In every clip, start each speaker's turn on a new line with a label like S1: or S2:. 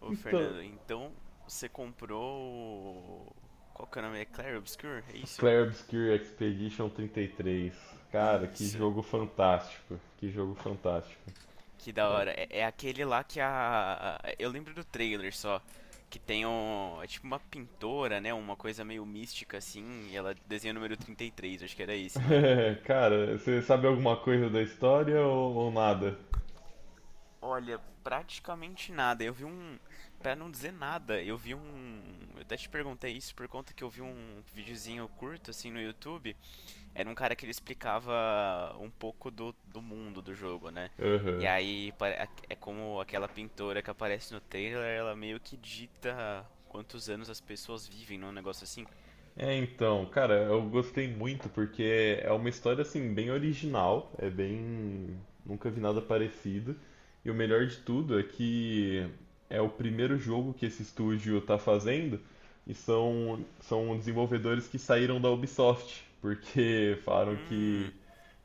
S1: Ô,
S2: Então,
S1: Fernando, então você comprou. Qual que é o nome? É Clair Obscur? É isso?
S2: Clair Obscure Expedition 33. Cara, que
S1: Isso.
S2: jogo fantástico. Que jogo fantástico.
S1: Que da hora. É aquele lá que a. Eu lembro do trailer só. Que tem um. É tipo uma pintora, né? Uma coisa meio mística assim. E ela desenha o número trinta e três. Acho que era esse, não era?
S2: É. Cara, você sabe alguma coisa da história ou nada?
S1: Olha, praticamente nada. Eu vi um. Pra não dizer nada, eu vi um. Eu até te perguntei isso por conta que eu vi um videozinho curto assim no YouTube. Era um cara que ele explicava um pouco do mundo do jogo, né? E
S2: Aham.
S1: aí pare- É como aquela pintora que aparece no trailer, ela meio que dita quantos anos as pessoas vivem, não? Um negócio assim.
S2: É, então, cara, eu gostei muito porque é uma história assim bem original, nunca vi nada parecido. E o melhor de tudo é que é o primeiro jogo que esse estúdio tá fazendo e são desenvolvedores que saíram da Ubisoft, porque falaram que
S1: Hum,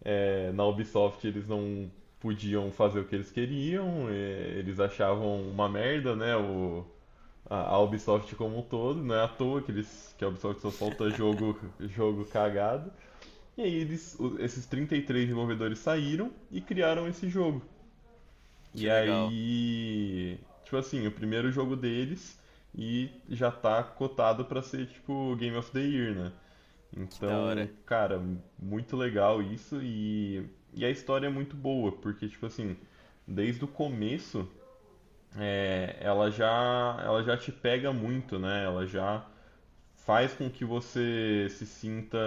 S2: na Ubisoft eles não podiam fazer o que eles queriam, eles achavam uma merda, né, o a Ubisoft como um todo, não é à toa que a Ubisoft só solta jogo cagado. E aí esses 33 desenvolvedores saíram e criaram esse jogo.
S1: que
S2: E
S1: legal,
S2: aí, tipo assim, o primeiro jogo deles e já tá cotado pra ser tipo Game of the Year, né?
S1: que da hora.
S2: Então, cara, muito legal isso e a história é muito boa, porque tipo assim, desde o começo, ela já te pega muito, né? Ela já faz com que você se sinta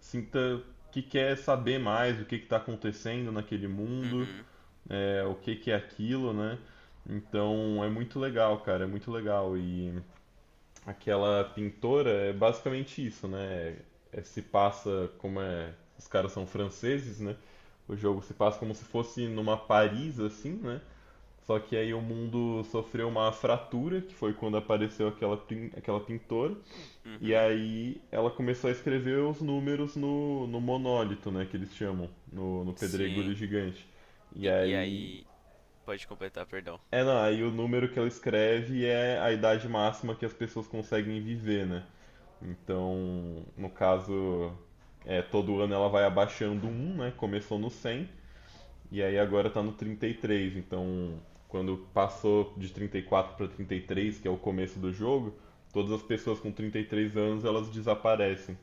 S2: sinta que quer saber mais o que está acontecendo naquele mundo,
S1: Uhum,
S2: o que, que é aquilo, né? Então é muito legal, cara, é muito legal. E aquela pintora é basicamente isso, né? É, se passa como é. Os caras são franceses, né? O jogo se passa como se fosse numa Paris, assim, né? Só que aí o mundo sofreu uma fratura, que foi quando apareceu aquela pintora. E
S1: uhum,
S2: aí ela começou a escrever os números no monólito, né, que eles chamam, no pedregulho
S1: sim.
S2: gigante. E
S1: E, e
S2: aí,
S1: aí, Pode completar, perdão.
S2: não, aí o número que ela escreve é a idade máxima que as pessoas conseguem viver, né? Então, no caso, todo ano ela vai abaixando um, né? Começou no 100 e aí agora tá no 33. Então, quando passou de 34 para 33, que é o começo do jogo, todas as pessoas com 33 anos elas desaparecem.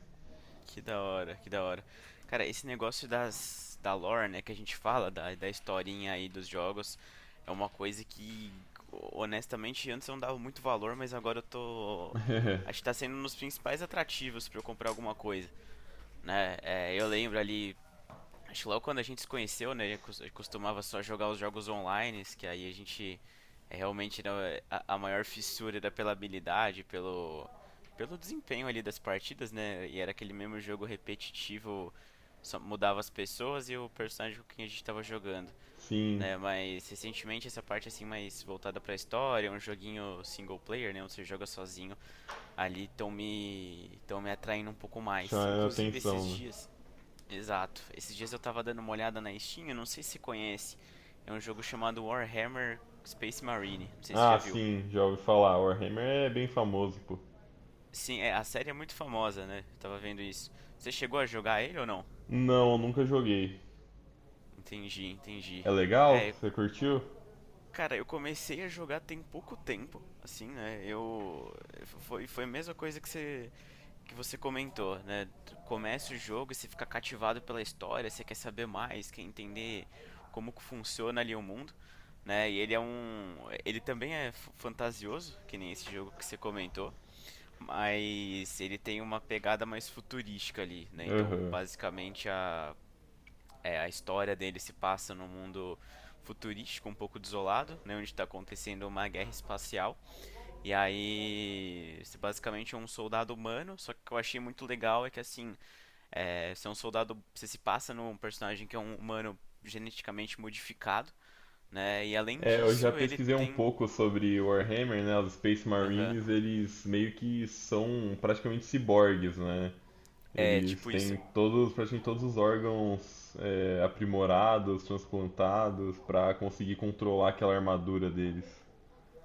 S1: Que da hora, que da hora. Cara, esse negócio da lore, né, que a gente fala, da historinha aí dos jogos, é uma coisa que, honestamente, antes eu não dava muito valor, mas agora eu tô. Acho que tá sendo um dos principais atrativos pra eu comprar alguma coisa, né? É, eu lembro ali, acho que logo quando a gente se conheceu, né, eu costumava só jogar os jogos online, que aí a gente é realmente né, a maior fissura era pela habilidade, pelo, pelo desempenho ali das partidas, né? E era aquele mesmo jogo repetitivo, só mudava as pessoas e o personagem com quem a gente estava jogando,
S2: Sim,
S1: né? Mas recentemente essa parte assim mais voltada para a história, um joguinho single player, né, onde você joga sozinho, ali estão me tão me atraindo um pouco mais.
S2: chama
S1: Inclusive esses
S2: atenção, né?
S1: dias. Exato. Esses dias eu tava dando uma olhada na Steam, eu não sei se você conhece. É um jogo chamado Warhammer Space Marine, não sei se você
S2: Ah,
S1: já viu.
S2: sim, já ouvi falar. Warhammer é bem famoso, pô.
S1: Sim, é, a série é muito famosa, né? Eu tava vendo isso. Você chegou a jogar ele ou não?
S2: Não, nunca joguei.
S1: Entendi, entendi.
S2: É legal?
S1: É,
S2: Você curtiu?
S1: cara, eu comecei a jogar tem pouco tempo, assim, né? Eu foi a mesma coisa que você comentou, né? Começa o jogo e você fica cativado pela história, você quer saber mais, quer entender como que funciona ali o mundo, né? E ele é um, ele também é fantasioso, que nem esse jogo que você comentou, mas ele tem uma pegada mais futurística ali, né? Então,
S2: Aham.
S1: basicamente a É, a história dele se passa num mundo futurístico, um pouco desolado, né, onde está acontecendo uma guerra espacial e aí, esse basicamente é um soldado humano, só que o que eu achei muito legal é que assim, é, você é um soldado, você se passa num personagem que é um humano geneticamente modificado, né? E além
S2: É, eu já
S1: disso, ele
S2: pesquisei um
S1: tem,
S2: pouco sobre Warhammer, né? Os Space
S1: aham,
S2: Marines, eles meio que são praticamente ciborgues, né?
S1: é
S2: Eles
S1: tipo isso.
S2: têm todos, praticamente todos os órgãos aprimorados, transplantados, pra conseguir controlar aquela armadura deles.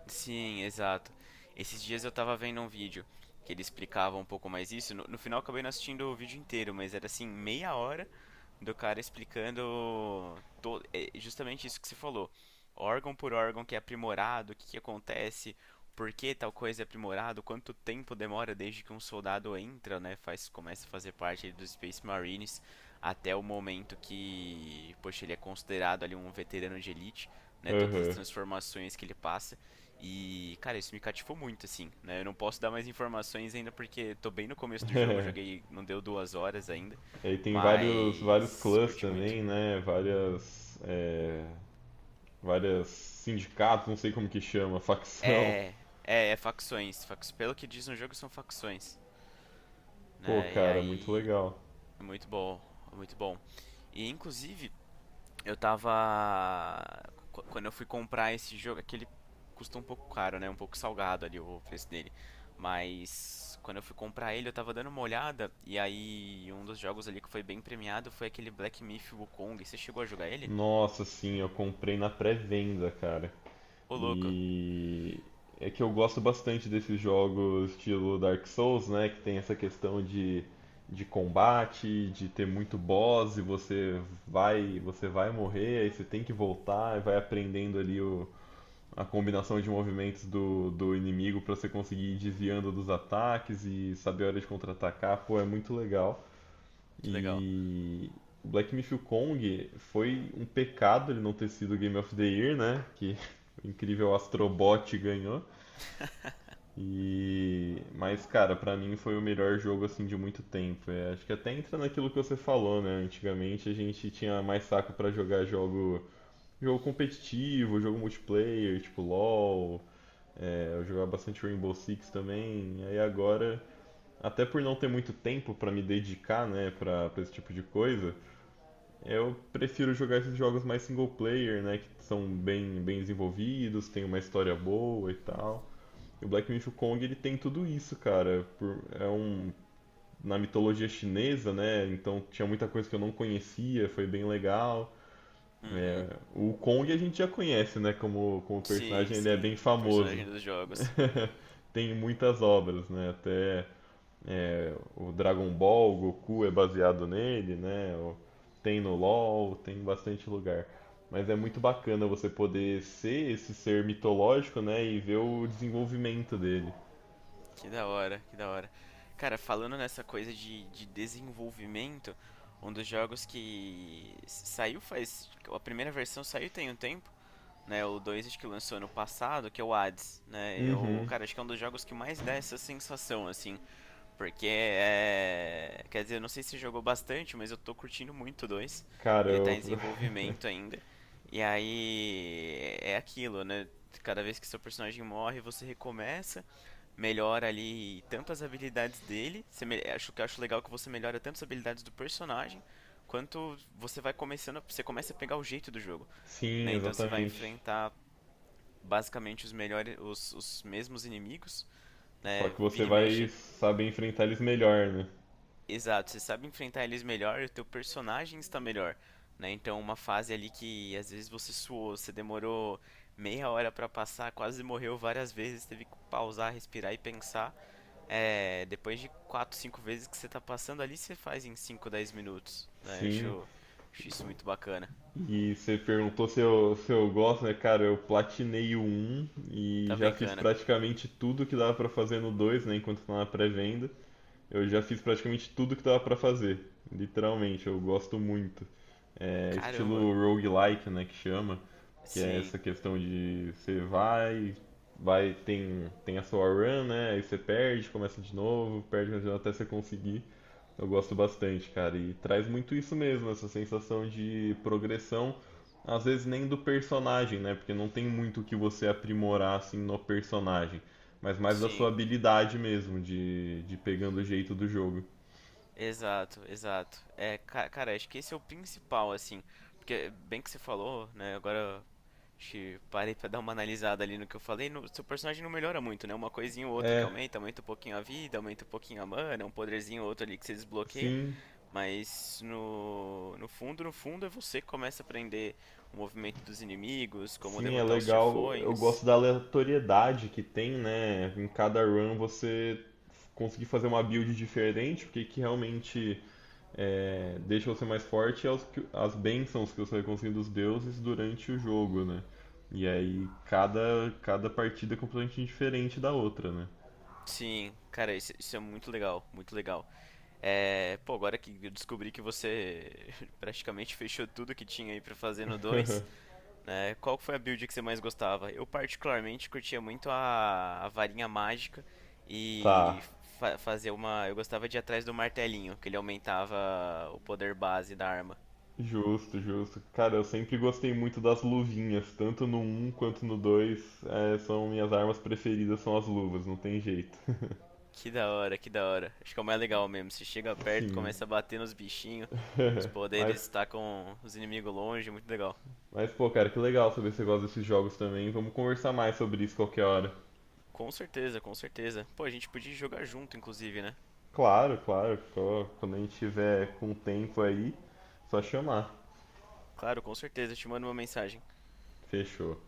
S1: Sim, exato. Esses dias eu tava vendo um vídeo que ele explicava um pouco mais isso. No final eu acabei não assistindo o vídeo inteiro, mas era assim, meia hora do cara explicando. É justamente isso que você falou. Órgão por órgão que é aprimorado, o que que acontece, por que tal coisa é aprimorado, quanto tempo demora desde que um soldado entra, né, faz, começa a fazer parte ali dos Space Marines, até o momento que, poxa, ele é considerado ali um veterano de elite, né, todas as
S2: Aham.
S1: transformações que ele passa. E, cara, isso me cativou muito, assim, né? Eu não posso dar mais informações ainda porque tô bem no começo do jogo, eu joguei, não deu duas horas ainda,
S2: Aí tem vários
S1: mas
S2: clãs
S1: curti muito.
S2: também, né? Várias sindicatos, não sei como que chama, facção.
S1: É, é facções, pelo que diz no jogo são facções,
S2: Pô,
S1: né? E
S2: cara, muito
S1: aí
S2: legal.
S1: é muito bom, é muito bom. E inclusive, Eu tava. Quando eu fui comprar esse jogo, aquele custa um pouco caro, né? Um pouco salgado ali o preço dele. Mas quando eu fui comprar ele, eu tava dando uma olhada. E aí, um dos jogos ali que foi bem premiado foi aquele Black Myth Wukong. Você chegou a jogar ele?
S2: Nossa, sim, eu comprei na pré-venda, cara.
S1: Ô, louco,
S2: E é que eu gosto bastante desses jogos estilo Dark Souls, né? Que tem essa questão de combate, de ter muito boss e você vai morrer, aí você tem que voltar e vai aprendendo ali a combinação de movimentos do inimigo pra você conseguir ir desviando dos ataques e saber a hora de contra-atacar, pô, é muito legal.
S1: que legal.
S2: E o Black Myth Kong foi um pecado ele não ter sido Game of the Year, né? Que o incrível Astrobot ganhou. Mas, cara, pra mim foi o melhor jogo assim de muito tempo. É, acho que até entra naquilo que você falou, né? Antigamente a gente tinha mais saco pra jogar jogo competitivo, jogo multiplayer, tipo LoL, eu jogava bastante Rainbow Six também, aí agora, até por não ter muito tempo pra me dedicar, né, pra esse tipo de coisa, eu prefiro jogar esses jogos mais single player, né, que são bem, bem desenvolvidos, tem uma história boa e tal. E o Black Myth Kong, ele tem tudo isso, cara. É um na mitologia chinesa, né? Então tinha muita coisa que eu não conhecia, foi bem legal.
S1: Uhum.
S2: É, o Kong a gente já conhece, né? Como
S1: Sim,
S2: personagem, ele é
S1: sim.
S2: bem famoso.
S1: Personagem dos jogos.
S2: Tem muitas obras, né? Até o Dragon Ball, o Goku é baseado nele, né? Tem no LoL, tem em bastante lugar. Mas é muito bacana você poder ser esse ser mitológico, né? E ver o desenvolvimento dele.
S1: Que da hora, que da hora. Cara, falando nessa coisa de desenvolvimento, um dos jogos que saiu faz. A primeira versão saiu tem um tempo. Né, o 2 que lançou ano passado, que é o Hades, né? Eu,
S2: Uhum.
S1: cara, acho que é um dos jogos que mais dá essa sensação, assim, porque é, quer dizer, eu não sei se jogou bastante, mas eu tô curtindo muito o 2.
S2: Cara,
S1: Ele tá
S2: eu...
S1: em desenvolvimento ainda. E aí é aquilo, né? Cada vez que seu personagem morre, você recomeça, melhora ali tanto as habilidades dele. Acho que acho legal que você melhora tanto as habilidades do personagem, quanto você vai começando, você começa a pegar o jeito do jogo,
S2: Sim,
S1: né? Então você vai
S2: exatamente.
S1: enfrentar basicamente os melhores, os mesmos inimigos,
S2: Só
S1: né?
S2: que você
S1: Vira e
S2: vai
S1: mexe,
S2: saber enfrentar eles melhor, né?
S1: exato, você sabe enfrentar eles melhor e o teu personagem está melhor, né? Então uma fase ali que às vezes você suou, você demorou meia hora pra passar, quase morreu várias vezes, teve que pausar, respirar e pensar. É, depois de 4 5 vezes que você tá passando ali, você faz em 5 10 minutos, né? Eu
S2: Sim.
S1: acho, acho isso muito bacana.
S2: E você perguntou se eu gosto, né? Cara, eu platinei o 1 e
S1: Tá
S2: já fiz
S1: brincando?
S2: praticamente tudo que dava pra fazer no dois, né? Enquanto tá na pré-venda. Eu já fiz praticamente tudo que dava pra fazer. Literalmente, eu gosto muito. É
S1: Caramba.
S2: estilo roguelike, né? Que chama. Que é
S1: Sim,
S2: essa questão de você tem a sua run, né? Aí você perde, começa de novo, perde até você conseguir. Eu gosto bastante, cara, e traz muito isso mesmo, essa sensação de progressão, às vezes nem do personagem, né? Porque não tem muito o que você aprimorar assim no personagem, mas mais da sua
S1: sim.
S2: habilidade mesmo, de pegando o jeito do jogo.
S1: Exato, exato. É, cara, acho que esse é o principal, assim. Porque, bem que você falou, né? Agora acho que parei pra dar uma analisada ali no que eu falei. No, seu personagem não melhora muito, né? Uma coisinha ou outra que
S2: É,
S1: aumenta, aumenta um pouquinho a vida, aumenta um pouquinho a mana, um poderzinho ou outro ali que você desbloqueia.
S2: sim,
S1: Mas no fundo, no fundo, é você que começa a aprender o movimento dos inimigos, como
S2: sim, é
S1: derrotar os
S2: legal. Eu
S1: chefões.
S2: gosto da aleatoriedade que tem, né? Em cada run você conseguir fazer uma build diferente, porque que realmente deixa você mais forte as bênçãos que você vai conseguindo dos deuses durante o jogo, né? E aí cada partida é completamente diferente da outra, né?
S1: Sim, cara, isso é muito legal, muito legal. É, pô, agora que eu descobri que você praticamente fechou tudo que tinha aí pra fazer no 2, né? Qual foi a build que você mais gostava? Eu particularmente curtia muito a varinha mágica
S2: Tá.
S1: e fazer uma, eu gostava de ir atrás do martelinho, que ele aumentava o poder base da arma.
S2: Justo, justo. Cara, eu sempre gostei muito das luvinhas, tanto no um quanto no 2. São minhas armas preferidas, são as luvas, não tem jeito.
S1: Que da hora, que da hora. Acho que é o mais legal mesmo. Você chega perto,
S2: Sim.
S1: começa a bater nos bichinhos, os
S2: Mas,
S1: poderes estacam os inimigos longe, muito legal.
S2: mas, pô, cara, que legal saber que você gosta desses jogos também. Vamos conversar mais sobre isso qualquer hora.
S1: Com certeza, com certeza. Pô, a gente podia jogar junto, inclusive, né?
S2: Claro, claro. Quando a gente tiver com tempo aí, só chamar.
S1: Claro, com certeza, eu te mando uma mensagem.
S2: Fechou.